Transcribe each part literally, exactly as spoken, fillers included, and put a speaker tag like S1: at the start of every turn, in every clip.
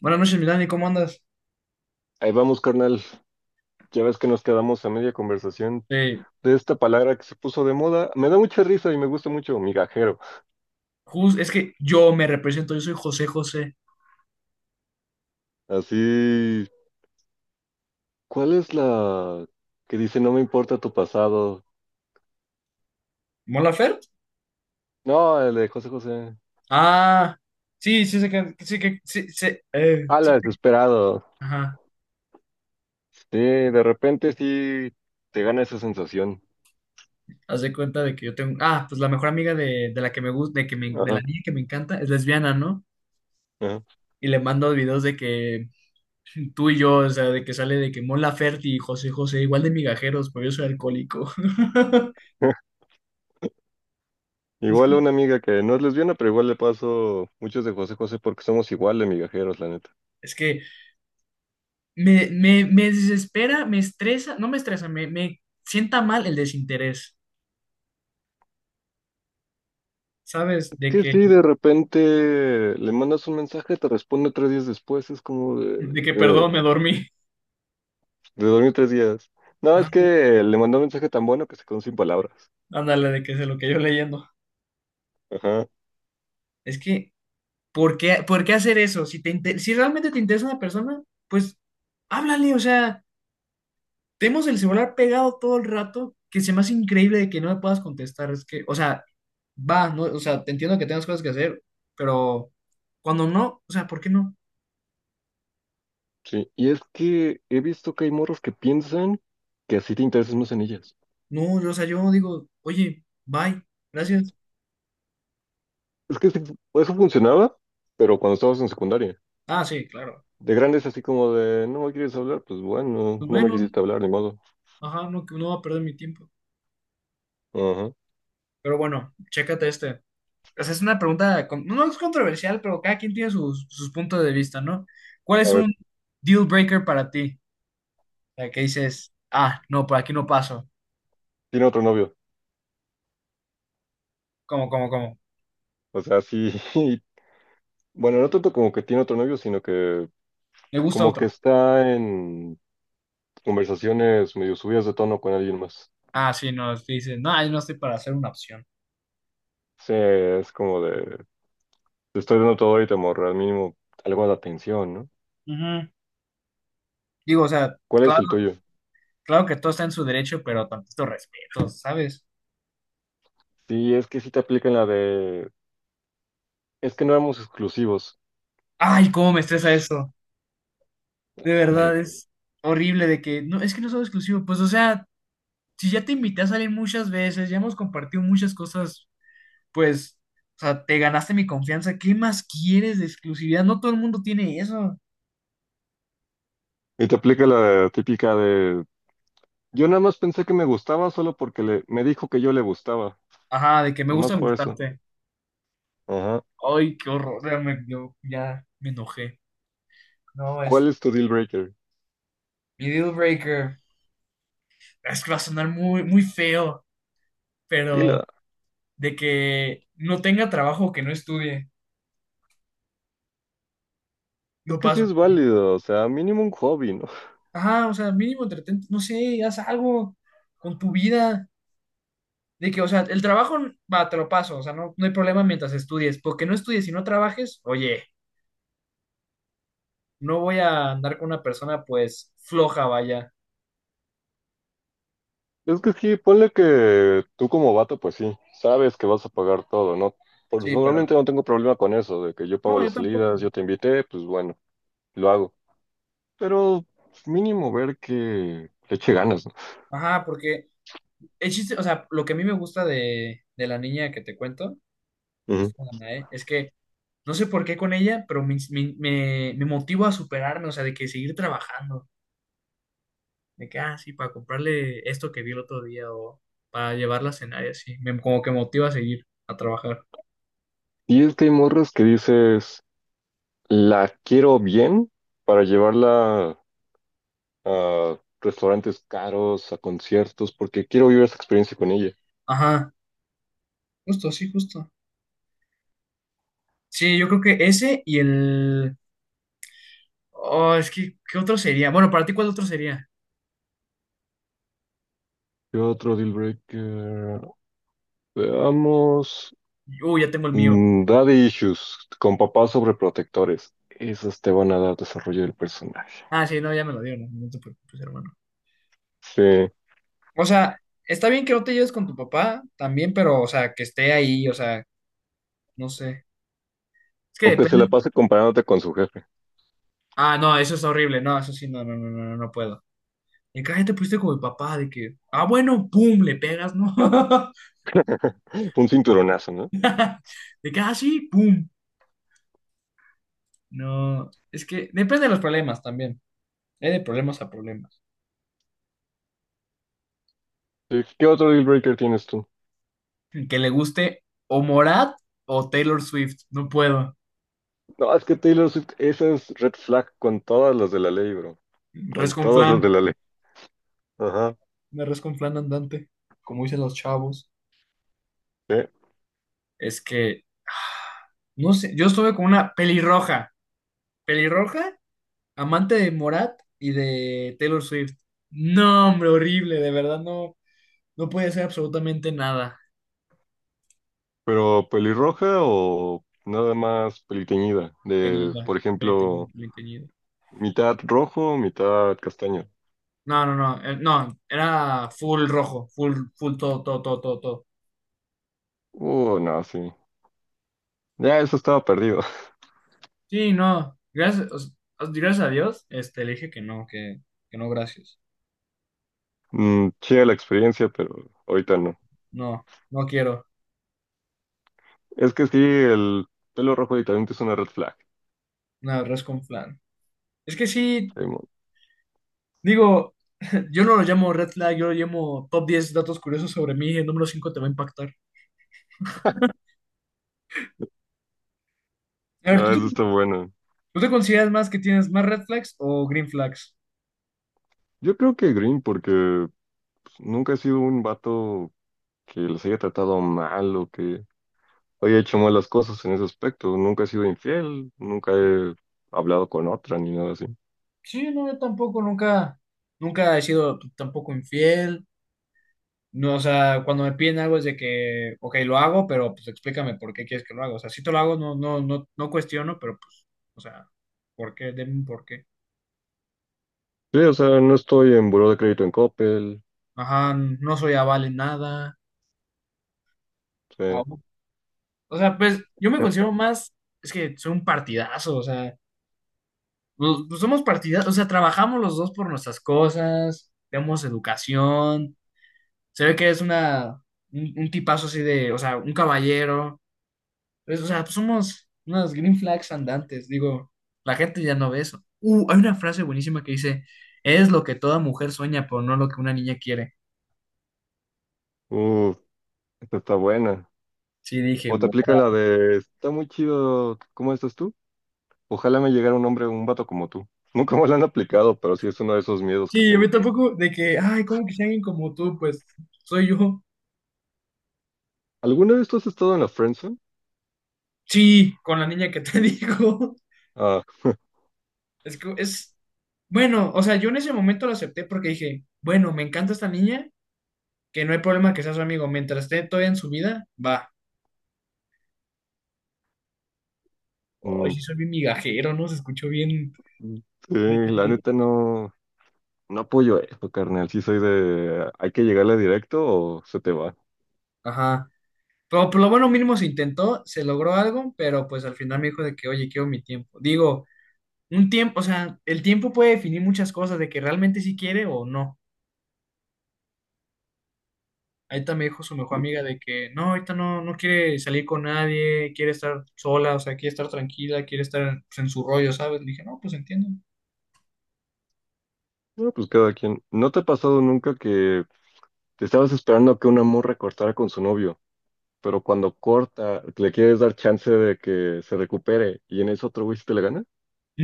S1: Buenas noches, Milani, ¿cómo andas?
S2: Ahí vamos, carnal. Ya ves que nos quedamos a media conversación
S1: Eh,
S2: de esta palabra que se puso de moda. Me da mucha risa y me gusta mucho, migajero.
S1: jus- es que yo me represento, yo soy José José.
S2: Así, ¿cuál es la que dice no me importa tu pasado?
S1: ¿Molafert?
S2: No, el de José José.
S1: Ah, sí, sí, sé que, sí, que, sí, sí, eh,
S2: Ah, la
S1: sí,
S2: desesperado.
S1: ajá.
S2: Sí, de repente sí te gana esa sensación.
S1: Haz de cuenta de que yo tengo, ah, pues la mejor amiga de, de la que me gusta, de que me- de la
S2: Ajá,
S1: niña que me encanta, es lesbiana, ¿no?
S2: ajá.
S1: Y le mando videos de que tú y yo, o sea, de que sale de que Mon Laferte y José José, igual de migajeros, pero yo soy alcohólico. Es
S2: Igual a
S1: que,
S2: una amiga que no es lesbiana, pero igual le paso muchos de José José porque somos igual de migajeros, la neta.
S1: es que me, me, me desespera, me estresa, no me estresa, me, me sienta mal el desinterés, ¿sabes? De
S2: Que
S1: que,
S2: si de repente le mandas un mensaje, te responde tres días después, es como de,
S1: de que,
S2: eh,
S1: perdón, me dormí.
S2: de dormir tres días. No, es
S1: Ajá,
S2: que le mandó un mensaje tan bueno que se quedó sin palabras.
S1: Ándale, de que se lo que yo leyendo.
S2: Ajá,
S1: Es que, ¿por qué, por qué hacer eso? Si te inte- si realmente te interesa una persona, pues háblale, o sea, tenemos el celular pegado todo el rato, que se me hace increíble de que no me puedas contestar, es que, o sea, va, no, o sea, te entiendo que tengas cosas que hacer, pero cuando no, o sea, ¿por qué no?
S2: sí. Y es que he visto que hay morros que piensan que así te interesas más en ellas.
S1: No, yo, o sea, yo digo, oye, bye, gracias.
S2: Es que sí, eso funcionaba, pero cuando estabas en secundaria.
S1: Ah, sí, claro.
S2: De grandes así como de, no me quieres hablar, pues bueno,
S1: Pues
S2: no me
S1: bueno,
S2: quisiste hablar, ni modo.
S1: ajá, no, no va a perder mi tiempo.
S2: Ajá.
S1: Pero bueno, chécate este. O sea, es una pregunta, con- no es controversial, pero cada quien tiene sus, sus puntos de vista, ¿no? ¿Cuál
S2: A
S1: es
S2: ver,
S1: un deal breaker para ti? O sea, que dices, ah, no, por aquí no paso.
S2: tiene otro novio.
S1: ¿Cómo, cómo, cómo?
S2: O sea, sí, bueno, no tanto como que tiene otro novio, sino que
S1: ¿Le gusta
S2: como que
S1: otro?
S2: está en conversaciones medio subidas de tono con alguien más.
S1: Ah, sí, no, es que dices, no, yo no estoy para hacer una opción.
S2: Sí, es como de, te estoy dando todo y te morro, al mínimo algo de atención, ¿no?
S1: Ujú. Digo, o sea,
S2: ¿Cuál es
S1: claro,
S2: el tuyo?
S1: claro que todo está en su derecho, pero tantito respeto, ¿sabes?
S2: Sí, es que sí te aplican la de, es que no éramos exclusivos.
S1: Ay, cómo me estresa
S2: Pues,
S1: eso. De
S2: ay.
S1: verdad, es horrible de que, no, es que no son exclusivo pues, o sea, si ya te invité a salir muchas veces, ya hemos compartido muchas cosas, pues, o sea, te ganaste mi confianza, ¿qué más quieres de exclusividad? No todo el mundo tiene eso.
S2: Y te aplica la típica de, yo nada más pensé que me gustaba solo porque le, me dijo que yo le gustaba,
S1: Ajá, de que me
S2: nomás
S1: gusta
S2: por eso.
S1: gustarte.
S2: Ajá.
S1: Ay, qué horror, ya me, yo ya me enojé. No, es
S2: ¿Cuál es tu deal breaker?
S1: mi deal breaker. Es que va a sonar muy, muy feo,
S2: Dilo,
S1: pero de que no tenga trabajo, o que no estudie,
S2: es
S1: no
S2: que sí
S1: paso.
S2: es válido, o sea, mínimo un hobby, ¿no?
S1: Ajá, o sea, mínimo entretente, no sé, haz algo con tu vida. De que, o sea, el trabajo, va, te lo paso, o sea, no, no hay problema mientras estudies, porque no estudies y no trabajes, oye, no voy a andar con una persona, pues, floja, vaya.
S2: Es que sí, ponle que tú como vato, pues sí, sabes que vas a pagar todo, ¿no? Porque
S1: Sí, pero,
S2: normalmente no tengo problema con eso, de que yo pago
S1: no, yo
S2: las
S1: tampoco.
S2: salidas, yo te invité, pues bueno, lo hago. Pero pues, mínimo ver que le eche ganas, ¿no?
S1: Ajá, porque el chiste, o sea, lo que a mí me gusta de, de la niña que te cuento,
S2: Ujú.
S1: esta Danae, es que no sé por qué con ella, pero me, me, me, me motivo a superarme, o sea, de que seguir trabajando. De que, ah, sí, para comprarle esto que vi el otro día o para llevarla a cenar y así. Me, como que motiva a seguir a trabajar.
S2: Y es que hay morras que dices, la quiero bien para llevarla a restaurantes caros, a conciertos, porque quiero vivir esa experiencia con ella.
S1: Ajá, justo, sí, justo. Sí, yo creo que ese y el... Oh, es que, ¿qué otro sería? Bueno, para ti, ¿cuál otro sería?
S2: ¿Qué otro deal breaker? Veamos.
S1: Uh, ya tengo el mío.
S2: Mm, Daddy Issues, con papás sobreprotectores. Esos te van a dar desarrollo del personaje.
S1: Ah, sí, no, ya me lo dio, no, no te preocupes, hermano.
S2: Sí.
S1: O sea, está bien que no te lleves con tu papá también, pero, o sea, que esté ahí, o sea, no sé. Es que
S2: O que se la
S1: depende.
S2: pase comparándote con su jefe.
S1: Ah, no, eso es horrible, no, eso sí, no, no, no, no, no no puedo. Y cada gente pusiste como el papá, de que, ah, bueno, pum, le pegas, ¿no?
S2: Un cinturonazo, ¿no?
S1: De que, ah, sí, pum. No, es que depende de los problemas también. Hay de problemas a problemas.
S2: Sí, ¿qué otro deal breaker tienes tú?
S1: Que le guste o Morat o Taylor Swift. No puedo.
S2: No, es que Taylor Swift, esa es red flag con todas las de la ley, bro. Con
S1: Res con
S2: todas las
S1: flan.
S2: de la ley. Ajá.
S1: Una res con flan andante. Como dicen los chavos.
S2: Sí.
S1: Es que, ah, no sé, yo estuve con una pelirroja. Pelirroja, amante de Morat y de Taylor Swift. No, hombre, horrible, de verdad no. No podía hacer absolutamente nada.
S2: Pero pelirroja o nada más peliteñida. De,
S1: Tenida,
S2: por ejemplo,
S1: pretenida, pretenida.
S2: mitad rojo, mitad castaño.
S1: No, no, no, eh, no, era full rojo, full, full todo, todo, todo, todo, todo.
S2: Uh, no, sí. Ya eso estaba perdido.
S1: Sí, no, gracias, o sea, gracias a Dios, este, le dije que no, que, que no, gracias.
S2: Mm, chida la experiencia, pero ahorita no.
S1: No, no quiero,
S2: Es que sí, el pelo rojo directamente es una red flag.
S1: no, res con flan. Es que sí,
S2: Simón.
S1: digo, yo no lo llamo red flag, yo lo llamo top diez datos curiosos sobre mí, el número cinco te va a impactar. A ver, ¿tú
S2: Ah,
S1: te,
S2: eso está
S1: tú
S2: bueno.
S1: te consideras más que tienes más red flags o green flags?
S2: Yo creo que Green, porque pues, nunca he sido un vato que les haya tratado mal o que haya hecho malas cosas en ese aspecto. Nunca he sido infiel, nunca he hablado con otra ni nada así.
S1: Sí, no, yo tampoco nunca, nunca he sido tampoco infiel. No, o sea, cuando me piden algo es de que, ok, lo hago, pero pues explícame por qué quieres que lo haga. O sea, si te lo hago, no, no, no, no cuestiono, pero pues, o sea, ¿por qué? Deme un por qué.
S2: Sí, o sea, no estoy en buró de crédito en Coppel.
S1: Ajá, no soy aval en nada. Au.
S2: Sí.
S1: O sea, pues yo me considero más, es que soy un partidazo, o sea, pues, pues, somos partidazos, o sea, trabajamos los dos por nuestras cosas, tenemos educación. Se ve que es una, un un tipazo así de, o sea, un caballero. Pues, o sea, somos unas green flags andantes, digo, la gente ya no ve eso. Uh, hay una frase buenísima que dice, es lo que toda mujer sueña, pero no lo que una niña quiere.
S2: Uf, esta está buena.
S1: Sí, dije,
S2: O te
S1: wow.
S2: aplican la de, está muy chido, ¿cómo estás tú? Ojalá me llegara un hombre, un vato como tú. Nunca me lo han aplicado, pero sí es uno de esos miedos que
S1: Sí, a
S2: tengo.
S1: mí tampoco de que, ay, ¿cómo que sea alguien como tú? Pues soy yo.
S2: ¿Alguna vez tú has estado en la friendzone?
S1: Sí, con la niña que te digo.
S2: Ah,
S1: Es que es, bueno, o sea, yo en ese momento lo acepté porque dije, bueno, me encanta esta niña, que no hay problema que sea su amigo, mientras esté todavía en su vida, va. Ay,
S2: mm,
S1: sí, soy bien migajero, ¿no? Se escuchó bien.
S2: sí, la neta no, no apoyo eso, carnal. Sí soy de, hay que llegarle directo o se te va.
S1: Ajá. Pero por lo bueno mínimo se intentó, se logró algo, pero pues al final me dijo de que, oye, quiero mi tiempo. Digo, un tiempo, o sea, el tiempo puede definir muchas cosas, de que realmente sí quiere o no. Ahorita me dijo su mejor amiga de que no, ahorita no, no quiere salir con nadie, quiere estar sola, o sea, quiere estar tranquila, quiere estar pues, en su rollo, ¿sabes? Le dije, no, pues entiendo.
S2: No, pues cada quien. ¿No te ha pasado nunca que te estabas esperando que una morra cortara con su novio, pero cuando corta le quieres dar chance de que se recupere y en eso otro güey se te la gana?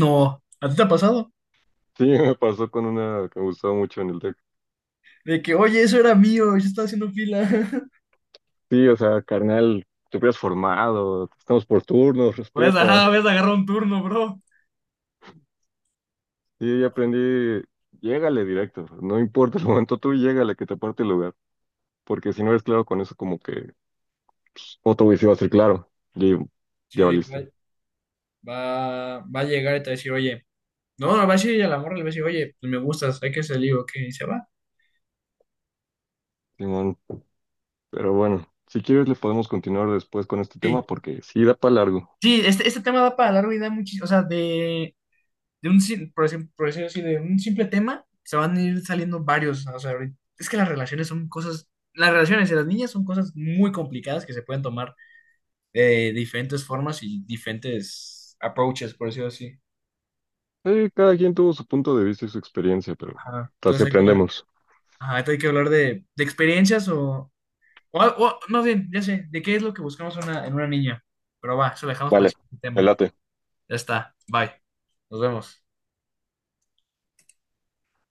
S1: No, ¿a ti te ha pasado?
S2: Sí, me pasó con una que me gustaba mucho en el.
S1: De que, oye, eso era mío, yo estaba haciendo fila.
S2: Sí, o sea, carnal, te hubieras formado, estamos por turnos,
S1: Voy a
S2: respeta.
S1: agarrar un turno, bro.
S2: Sí,
S1: No,
S2: ya aprendí, llégale directo, no importa el momento, tú llégale que te parte el lugar, porque si no eres claro con eso, como que otro güey sí va a ser claro, y
S1: sí,
S2: ya
S1: de que va,
S2: valiste,
S1: va, va a llegar y te va a decir, oye. No, no, va a decir a la morra, le va a decir, oye, pues me gustas, hay que salir, o qué, y se va.
S2: Simón. Pero bueno, si quieres le podemos continuar después con este tema,
S1: Sí,
S2: porque sí da para largo.
S1: sí, este, este tema da para largo y da muchísimo, o sea, de, de un, sim- por ejemplo, por decirlo así, de un simple tema, se van a ir saliendo varios, o sea, ahorita- es que las relaciones son cosas, las relaciones de las niñas son cosas muy complicadas que se pueden tomar de diferentes formas y diferentes approaches, por decirlo así.
S2: Eh, cada quien tuvo su punto de vista y su experiencia, pero
S1: Ajá.
S2: así
S1: Entonces, hay que
S2: aprendemos.
S1: ajá, ahorita hay que hablar de, de experiencias o, o, o, más bien, ya sé, de qué es lo que buscamos una, en una niña, pero va, eso lo dejamos para el
S2: Vale,
S1: siguiente
S2: me
S1: tema.
S2: late.
S1: Ya está. Bye. Nos vemos.